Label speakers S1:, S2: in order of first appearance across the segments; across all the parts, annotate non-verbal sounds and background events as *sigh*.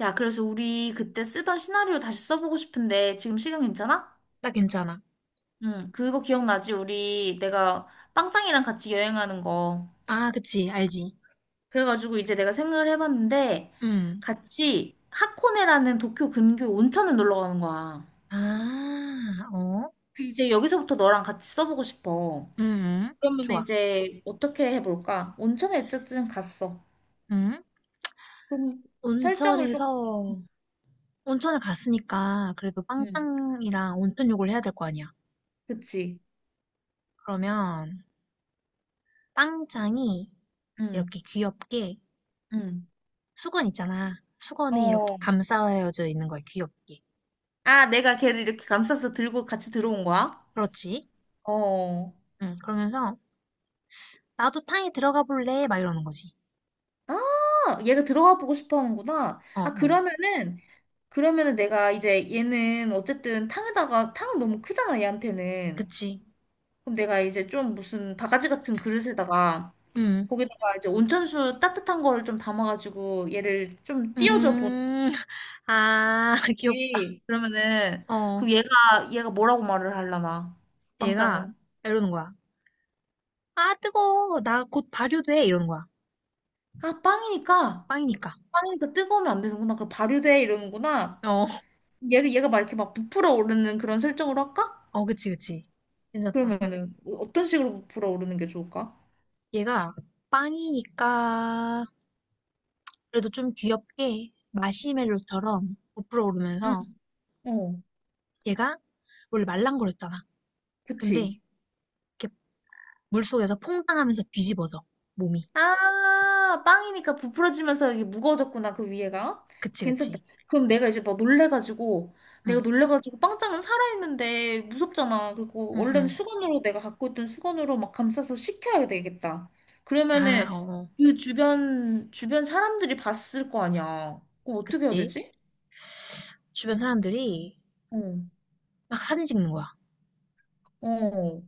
S1: 야, 그래서 우리 그때 쓰던 시나리오 다시 써보고 싶은데 지금 시간 괜찮아?
S2: 나 괜찮아.
S1: 응, 그거 기억나지? 우리 내가 빵짱이랑 같이 여행하는 거.
S2: 아, 그치, 알지.
S1: 그래가지고 이제 내가 생각을 해봤는데
S2: 음.
S1: 같이 하코네라는 도쿄 근교 온천을 놀러 가는 거야.
S2: 아, 어?
S1: 그 이제 여기서부터 너랑 같이 써보고 싶어.
S2: 음, 응.
S1: 그러면
S2: 좋아.
S1: 이제 어떻게 해볼까? 온천에 어쨌든 갔어.
S2: 음.
S1: 그럼 설정을 좀.
S2: 온천에서, 온천을 갔으니까 그래도
S1: 응,
S2: 빵짱이랑 온천 욕을 해야 될 거 아니야.
S1: 그치.
S2: 그러면 빵짱이
S1: 응,
S2: 이렇게 귀엽게
S1: 응.
S2: 수건 있잖아. 수건에 이렇게
S1: 어.
S2: 감싸여져 있는 거야, 귀엽게.
S1: 아, 내가 걔를 이렇게 감싸서 들고 같이 들어온 거야?
S2: 그렇지?
S1: 어.
S2: 응, 그러면서 나도 탕에 들어가 볼래? 막 이러는 거지.
S1: 아, 얘가 들어가 보고 싶어 하는구나.
S2: 어,
S1: 아,
S2: 어.
S1: 그러면은, 그러면은 내가 이제 얘는 어쨌든 탕에다가, 탕은 너무 크잖아, 얘한테는.
S2: 그치.
S1: 그럼 내가 이제 좀 무슨 바가지 같은 그릇에다가,
S2: 응,
S1: 거기다가 이제 온천수 따뜻한 거를 좀 담아가지고 얘를 좀 띄워줘
S2: 음, *laughs* 아, *laughs* 귀엽다.
S1: 보는지. 그러면은,
S2: 어.
S1: 그 얘가, 얘가 뭐라고 말을 하려나,
S2: 얘가
S1: 빵짱은.
S2: 이러는 거야. 아, 뜨거워. 나 곧 발효돼. 이러는 거야.
S1: 아, 빵이니까,
S2: 빵이니까.
S1: 빵이니까 뜨거우면 안 되는구나. 그럼 발효돼, 이러는구나.
S2: 어,
S1: 얘가, 얘가 막 이렇게 막 부풀어 오르는 그런 설정으로 할까?
S2: 어, 그치, 그치. 괜찮다.
S1: 그러면은 떤 식으로 불어오르는 게 좋을까?
S2: 얘가 빵이니까 그래도 좀 귀엽게 마시멜로처럼 부풀어
S1: 응.
S2: 오르면서
S1: 어,
S2: 얘가 원래 말랑거렸잖아. 근데
S1: 그치.
S2: 이렇게 물속에서 퐁당하면서 뒤집어져. 몸이.
S1: 아, 빵이니까 부풀어지면서 이게 무거워졌구나, 그 위에가.
S2: 그치,
S1: 괜찮다.
S2: 그치.
S1: 그럼 내가 이제 막 놀래가지고, 내가
S2: 응,
S1: 놀래가지고 빵장은 살아있는데 무섭잖아. 그리고
S2: 응,
S1: 원래는
S2: 응.
S1: 수건으로 내가 갖고 있던 수건으로 막 감싸서 식혀야 되겠다.
S2: 아, 어,
S1: 그러면은
S2: 어.
S1: 그 주변 사람들이 봤을 거 아니야. 그럼 어떻게 해야
S2: 그치.
S1: 되지?
S2: 주변 사람들이
S1: 어,
S2: 막 사진 찍는 거야.
S1: 어.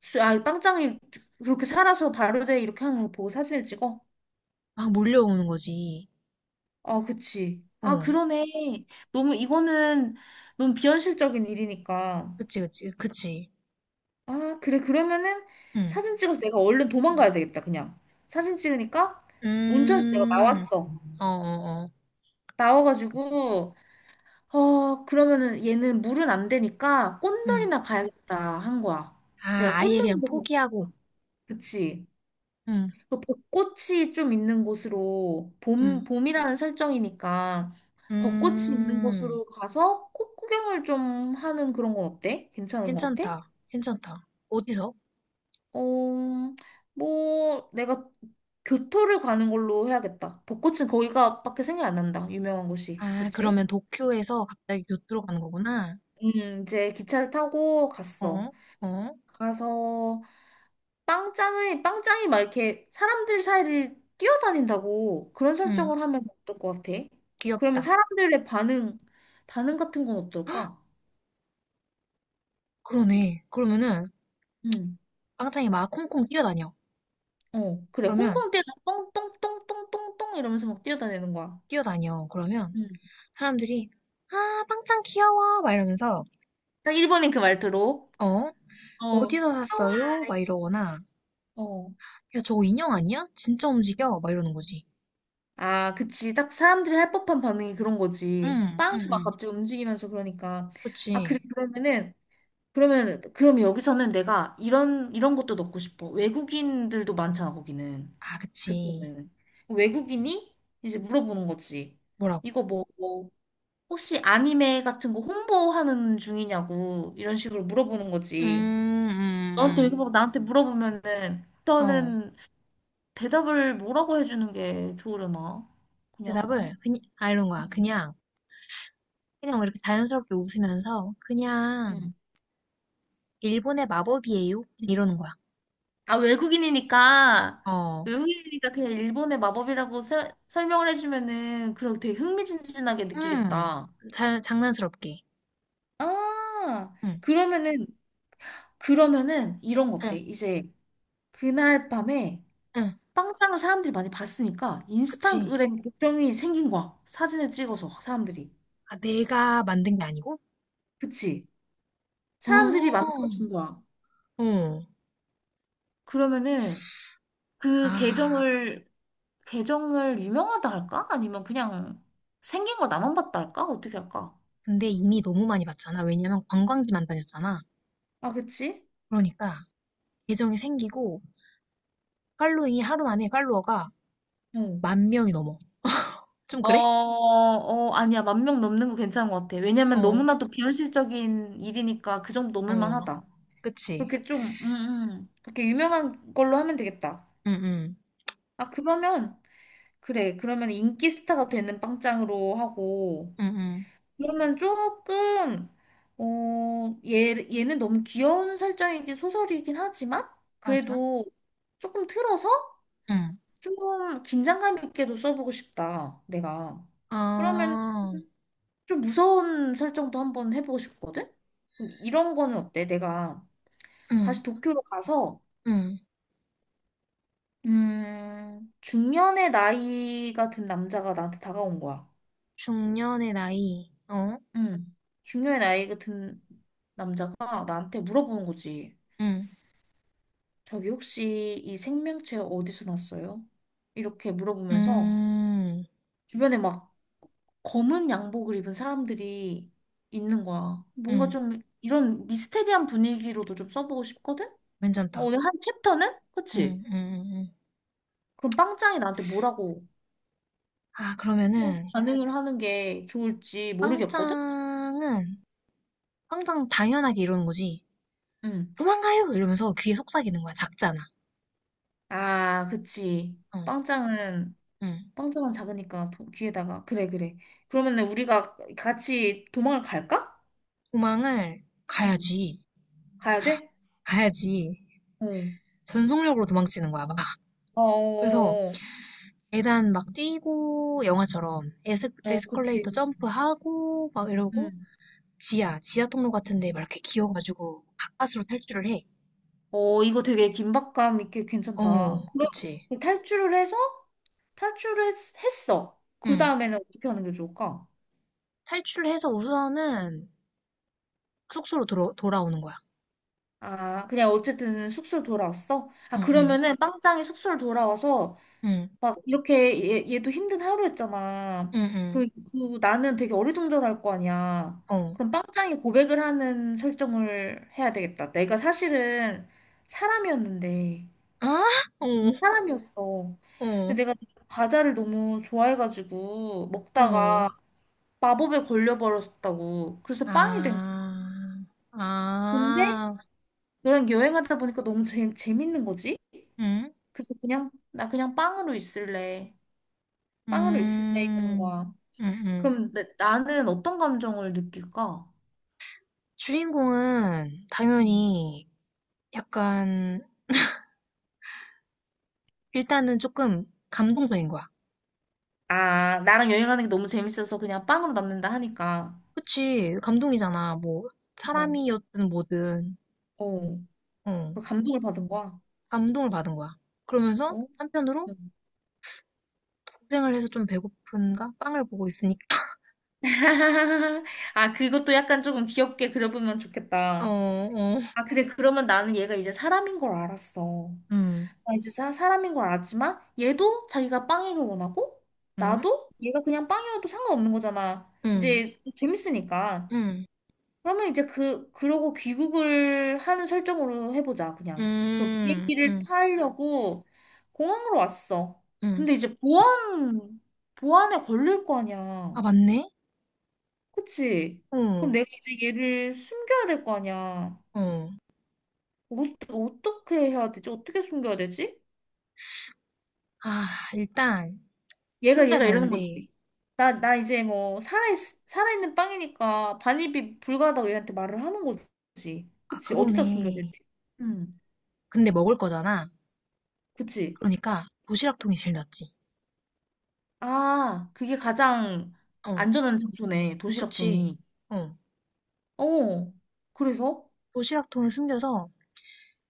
S1: 아, 빵짱이 그렇게 살아서 발효돼 이렇게 하는 걸 보고 사진을 찍어?
S2: 막 몰려오는 거지.
S1: 아, 그치. 아,
S2: 어,
S1: 그러네. 너무 이거는 너무 비현실적인 일이니까.
S2: 그치, 그치, 그치.
S1: 아, 그래. 그러면은
S2: 응.
S1: 사진 찍어서 내가 얼른 도망가야 되겠다, 그냥. 사진 찍으니까 온천수 내가
S2: 음.
S1: 나왔어.
S2: 어어어.
S1: 나와가지고, 어, 그러면은 얘는 물은 안 되니까
S2: 응.
S1: 꽃놀이나 가야겠다 한 거야.
S2: 아,
S1: 내가
S2: 아예
S1: 꽃놀이도
S2: 그냥
S1: 가고
S2: 포기하고.
S1: 싶어. 그치.
S2: 응.
S1: 그 벚꽃이 좀 있는 곳으로
S2: 응.
S1: 봄 봄이라는 설정이니까 벚꽃이 있는
S2: 음.
S1: 곳으로 가서 꽃 구경을 좀 하는 그런 건 어때? 괜찮은 것 같아?
S2: 괜찮다. 괜찮다. 어디서?
S1: 어, 뭐 내가 교토를 가는 걸로 해야겠다. 벚꽃은 거기가밖에 생각이 안 난다. 유명한 곳이.
S2: 아,
S1: 그치?
S2: 그러면 도쿄에서 갑자기 교토로 가는 거구나.
S1: 이제 기차를 타고 갔어.
S2: 어? 어?
S1: 가서 빵짱이 막 이렇게 사람들 사이를 뛰어다닌다고 그런
S2: 응.
S1: 설정을 하면 어떨 것 같아? 그러면
S2: 귀엽다.
S1: 사람들의 반응 같은 건 어떨까?
S2: 그러네. 그러면은
S1: 응,
S2: 빵짱이 막 콩콩 뛰어다녀.
S1: 어, 그래.
S2: 그러면
S1: 홍콩 때는 똥똥똥똥똥똥 이러면서 막 뛰어다니는 거야.
S2: 뛰어다녀. 그러면
S1: 응.
S2: 사람들이 아, 빵짱 귀여워. 막 이러면서
S1: 딱 일본인 그 말투로.
S2: 어?
S1: 어,
S2: 어디서
S1: 막 카와.
S2: 샀어요? 막 이러거나
S1: 어.
S2: 야, 저거 인형 아니야? 진짜 움직여? 막 이러는 거지.
S1: 아, 그치. 딱 사람들이 할 법한 반응이 그런 거지.
S2: 응,
S1: 빵이 막
S2: 응응.
S1: 갑자기 움직이면서 그러니까. 아, 그래.
S2: 그치.
S1: 그러면은 그럼 여기서는 내가 이런 것도 넣고 싶어. 외국인들도 많잖아, 거기는.
S2: 아,
S1: 그때
S2: 그치.
S1: 는 외국인이 이제 물어보는 거지.
S2: 뭐라고?
S1: 이거 뭐, 혹시 아니메 같은 거 홍보하는 중이냐고, 이런 식으로 물어보는
S2: 음,
S1: 거지. 너한테
S2: 음,
S1: 이렇게 막 나한테 물어보면은,
S2: 어.
S1: 일단은 대답을 뭐라고 해주는 게 좋으려나? 그냥.
S2: 대답을 그냥 아 이런 거야. 그냥 그냥 이렇게 자연스럽게 웃으면서 그냥
S1: 응.
S2: 일본의 마법이에요. 이러는 거야.
S1: 아, 외국인이니까,
S2: 어.
S1: 외국인이니까 그냥 일본의 마법이라고 설명을 해주면은, 그럼 되게 흥미진진하게
S2: 음.
S1: 느끼겠다.
S2: 장난스럽게.
S1: 아,
S2: 응.
S1: 그러면은, 그러면은, 이런 거 어때?
S2: 응.
S1: 이제, 그날 밤에
S2: 응.
S1: 빵장을 사람들이 많이 봤으니까,
S2: 그치.
S1: 인스타그램 계정이 생긴 거야. 사진을 찍어서, 사람들이.
S2: 아, 내가 만든 게 아니고?
S1: 그치? 사람들이
S2: 어.
S1: 만들어준 거야.
S2: 어.
S1: 그러면은, 그
S2: 아.
S1: 계정을 유명하다 할까? 아니면 그냥 생긴 거 나만 봤다 할까? 어떻게 할까?
S2: 근데 이미 너무 많이 봤잖아. 왜냐면 관광지만 다녔잖아.
S1: 아, 그치?
S2: 그러니까 계정이 생기고 팔로잉이 하루 만에 팔로워가
S1: 어.
S2: 만 명이 넘어. 좀 그래?
S1: 아니야. 만 명 넘는 거 괜찮은 것 같아. 왜냐면
S2: 어,
S1: 너무나도 비현실적인 일이니까 그 정도 넘을
S2: 어.
S1: 만하다.
S2: 그치?
S1: 그렇게 좀, 그렇게 유명한 걸로 하면 되겠다.
S2: 응, 응,
S1: 아, 그러면, 그래. 그러면 인기 스타가 되는 빵짱으로 하고,
S2: 응, 응.
S1: 그러면 조금, 어, 얘는 너무 귀여운 설정이긴 소설이긴 하지만,
S2: 맞아.
S1: 그래도 조금 틀어서
S2: 응.
S1: 조금 긴장감 있게도 써보고 싶다. 내가. 그러면
S2: 아,
S1: 좀 무서운 설정도 한번 해보고 싶거든? 그럼 이런 거는 어때? 내가
S2: 응,
S1: 다시 도쿄로 가서,
S2: 응.
S1: 중년의 나이가 든 남자가 나한테 다가온 거야.
S2: 중년의 나이. 어?
S1: 응. 중년의 나이가 든 남자가 나한테 물어보는 거지.
S2: 응.
S1: 저기 혹시 이 생명체 어디서 났어요? 이렇게 물어보면서
S2: 음,
S1: 주변에 막 검은 양복을 입은 사람들이 있는 거야. 뭔가
S2: 응.
S1: 좀 이런 미스테리한 분위기로도 좀 써보고 싶거든? 어,
S2: 괜찮다.
S1: 오늘 한 챕터는?
S2: 응,
S1: 그치?
S2: 응, 응, 응.
S1: 그럼 빵짱이 나한테 뭐라고
S2: 아, 그러면은,
S1: 반응을 하는 게 좋을지 모르겠거든?
S2: 빵짱은, 빵짱 당연하게 이러는 거지.
S1: 응.
S2: 도망가요! 이러면서 귀에 속삭이는 거야. 작잖아.
S1: 아, 그치.
S2: 어,
S1: 빵짱은,
S2: 응.
S1: 빵짱은 작으니까 귀에다가. 그래, 그래. 그러면은 우리가 같이 도망을 갈까?
S2: 도망을
S1: 응.
S2: 가야지.
S1: 가야 돼?
S2: 가야지.
S1: 어.
S2: 전속력으로 도망치는 거야, 막.
S1: 어,
S2: 그래서,
S1: 어, 어,
S2: 계단 막 뛰고 영화처럼 에스,
S1: 어, 그치,
S2: 에스컬레이터
S1: 그치.
S2: 점프하고 막 이러고
S1: 응.
S2: 지하 통로 같은 데 막 이렇게 기어가지고 가까스로 탈출을 해.
S1: 어, 이거 되게 긴박감 있게 괜찮다.
S2: 어, 그치.
S1: 그럼 탈출을 해서 탈출을 했, 했어. 그
S2: 응.
S1: 다음에는 어떻게 하는 게 좋을까?
S2: 탈출을 해서 우선은 숙소로 돌아오는 거야.
S1: 아, 그냥 어쨌든 숙소로 돌아왔어? 아, 응.
S2: 응, 응,
S1: 그러면은 빵짱이 숙소로 돌아와서
S2: 응,
S1: 막 이렇게 얘도 힘든 하루였잖아.
S2: 응,
S1: 그 나는 되게 어리둥절할 거 아니야.
S2: 응. 어.
S1: 그럼 빵짱이 고백을 하는 설정을 해야 되겠다. 내가 사실은 사람이었는데,
S2: 아? 어,
S1: 사람이었어.
S2: 어,
S1: 근데 내가 과자를 너무 좋아해가지고
S2: 어.
S1: 먹다가 마법에 걸려버렸다고. 그래서 빵이 된 거야.
S2: 아,
S1: 근데
S2: 아,
S1: 너랑 여행하다 보니까 너무 재밌는 거지?
S2: 응?
S1: 그래서 그냥 나 그냥 빵으로 있을래. 빵으로 있을래 이러는
S2: 음,
S1: 거야.
S2: 응, 응.
S1: 그럼 나는 어떤 감정을 느낄까?
S2: 주인공은
S1: 음.
S2: 당연히 약간 일단은 조금 감동적인 거야.
S1: 아, 나랑 여행하는 게 너무 재밌어서 그냥 빵으로 남는다 하니까.
S2: 그치, 감동이잖아. 뭐,
S1: 어,
S2: 사람이었든 뭐든,
S1: 어.
S2: 어,
S1: 그리고 감동을 받은 거야.
S2: 감동을 받은 거야. 그러면서
S1: 어?
S2: 한편으로
S1: 음.
S2: 고생을 해서 좀 배고픈가? 빵을 보고 있으니까. *laughs*
S1: *laughs* 아, 그것도 약간 조금 귀엽게 그려보면
S2: 어,
S1: 좋겠다.
S2: 어,
S1: 아, 그래. 그러면 나는 얘가 이제 사람인 걸 알았어.
S2: 음,
S1: 아, 이제 사람인 걸 알았지만 얘도 자기가 빵이길 원하고
S2: 음,
S1: 나도 얘가 그냥 빵이어도 상관없는 거잖아.
S2: 음,
S1: 이제 재밌으니까.
S2: 음,
S1: 그러면 이제 그러고 귀국을 하는 설정으로 해보자 그냥. 그럼
S2: 음,
S1: 비행기를
S2: 음,
S1: 타려고 공항으로 왔어.
S2: 음.
S1: 근데 이제 보안에 걸릴 거
S2: 아,
S1: 아니야.
S2: 맞네?
S1: 그치? 그럼
S2: 어,
S1: 내가 이제 얘를 숨겨야 될 거 아니야.
S2: 어.
S1: 어, 어떻게 해야 되지? 어떻게 숨겨야 되지?
S2: 아, 일단 숨겨야
S1: 얘가 이러는 거지.
S2: 되는데,
S1: 나 이제 뭐 살아있는 빵이니까 반입이 불가하다고 얘한테 말을 하는 거지.
S2: 아,
S1: 그치? 어디다 숨겨야 되지?
S2: 그러네.
S1: 응,
S2: 근데 먹을 거잖아.
S1: 그치?
S2: 그러니까 도시락통이 제일 낫지.
S1: 아, 그게 가장
S2: 어,
S1: 안전한 장소네.
S2: 그치.
S1: 도시락통이.
S2: 어.
S1: 어, 그래서?
S2: 도시락통에 숨겨서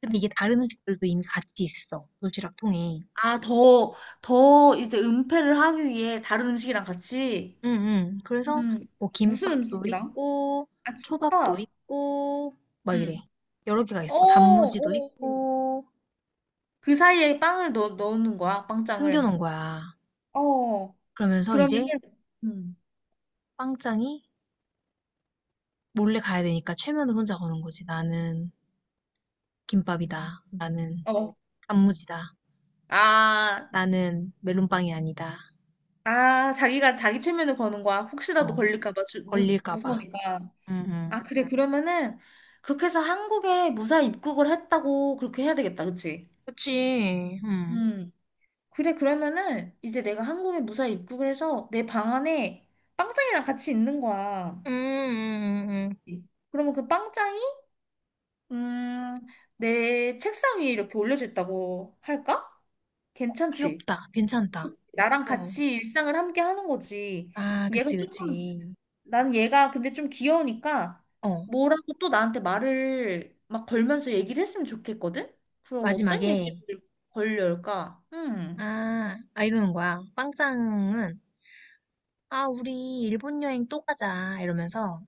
S2: 근데 이게 다른 음식들도 이미 같이 있어. 도시락통에.
S1: 아, 더 이제 은폐를 하기 위해 다른 음식이랑 같이?
S2: 응응. 그래서
S1: 음,
S2: 뭐
S1: 무슨
S2: 김밥도
S1: 음식이랑?
S2: 있고
S1: 아,
S2: 초밥도
S1: 김밥.
S2: 있고 막 이래.
S1: 응.
S2: 여러 개가
S1: 어,
S2: 있어.
S1: 어.
S2: 단무지도 있고
S1: 그 사이에 빵을 넣는 거야, 빵장을.
S2: 숨겨놓은 거야.
S1: 어.
S2: 그러면서
S1: 그러면은
S2: 이제
S1: 음.
S2: 빵짱이 몰래 가야 되니까 최면을 혼자 거는 거지. 나는 김밥이다. 나는
S1: 어.
S2: 단무지다.
S1: 아,
S2: 나는 멜론빵이 아니다.
S1: 자기가 자기 최면을 거는 거야. 혹시라도
S2: 어,
S1: 걸릴까 봐
S2: 걸릴까 봐.
S1: 무서우니까.
S2: 응응.
S1: 아, 그래. 그러면은 그렇게 해서 한국에 무사히 입국을 했다고 그렇게 해야 되겠다. 그치?
S2: 그치. 응.
S1: 음. 그래. 그러면은 이제 내가 한국에 무사히 입국을 해서 내 방 안에 빵짱이랑 같이 있는 거야.
S2: 음, 음, 음, 음.
S1: 그러면 그 빵짱이 음, 내 책상 위에 이렇게 올려져 있다고 할까? 괜찮지?
S2: 귀엽다. 괜찮다.
S1: 나랑
S2: 어.
S1: 같이 일상을 함께 하는 거지.
S2: 아,
S1: 얘가
S2: 그치,
S1: 조금,
S2: 그치.
S1: 난 얘가 근데 좀 귀여우니까
S2: 어,
S1: 뭐라고 또 나한테 말을 막 걸면서 얘기를 했으면 좋겠거든? 그럼 어떤
S2: 마지막에,
S1: 얘기를 걸릴까? 음.
S2: 아, 아, 이러는 거야. 빵짱은, 아, 우리 일본 여행 또 가자. 이러면서,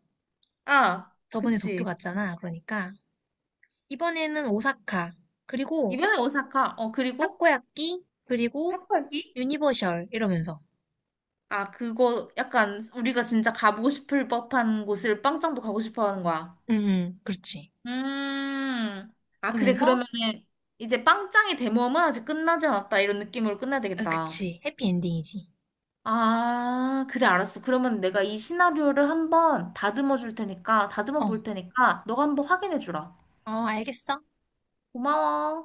S1: 아,
S2: 저번에 도쿄
S1: 그치.
S2: 갔잖아. 그러니까, 이번에는 오사카, 그리고
S1: 이번에 오사카. 어, 그리고
S2: 타코야끼, 그리고
S1: 탁발기?
S2: 유니버셜. 이러면서.
S1: 아, 그거 약간 우리가 진짜 가보고 싶을 법한 곳을 빵짱도 가고 싶어 하는 거야.
S2: 응, 응, 그렇지.
S1: 음. 아, 그래.
S2: 그러면서,
S1: 그러면은 이제 빵짱의 대모험은 아직 끝나지 않았다. 이런 느낌으로 끝내야
S2: 아,
S1: 되겠다.
S2: 그치. 해피엔딩이지.
S1: 아, 그래, 알았어. 그러면 내가 이 시나리오를 한번 다듬어 줄 테니까,
S2: 어,
S1: 다듬어
S2: 어,
S1: 볼 테니까, 너가 한번 확인해 주라.
S2: 알겠어.
S1: 고마워.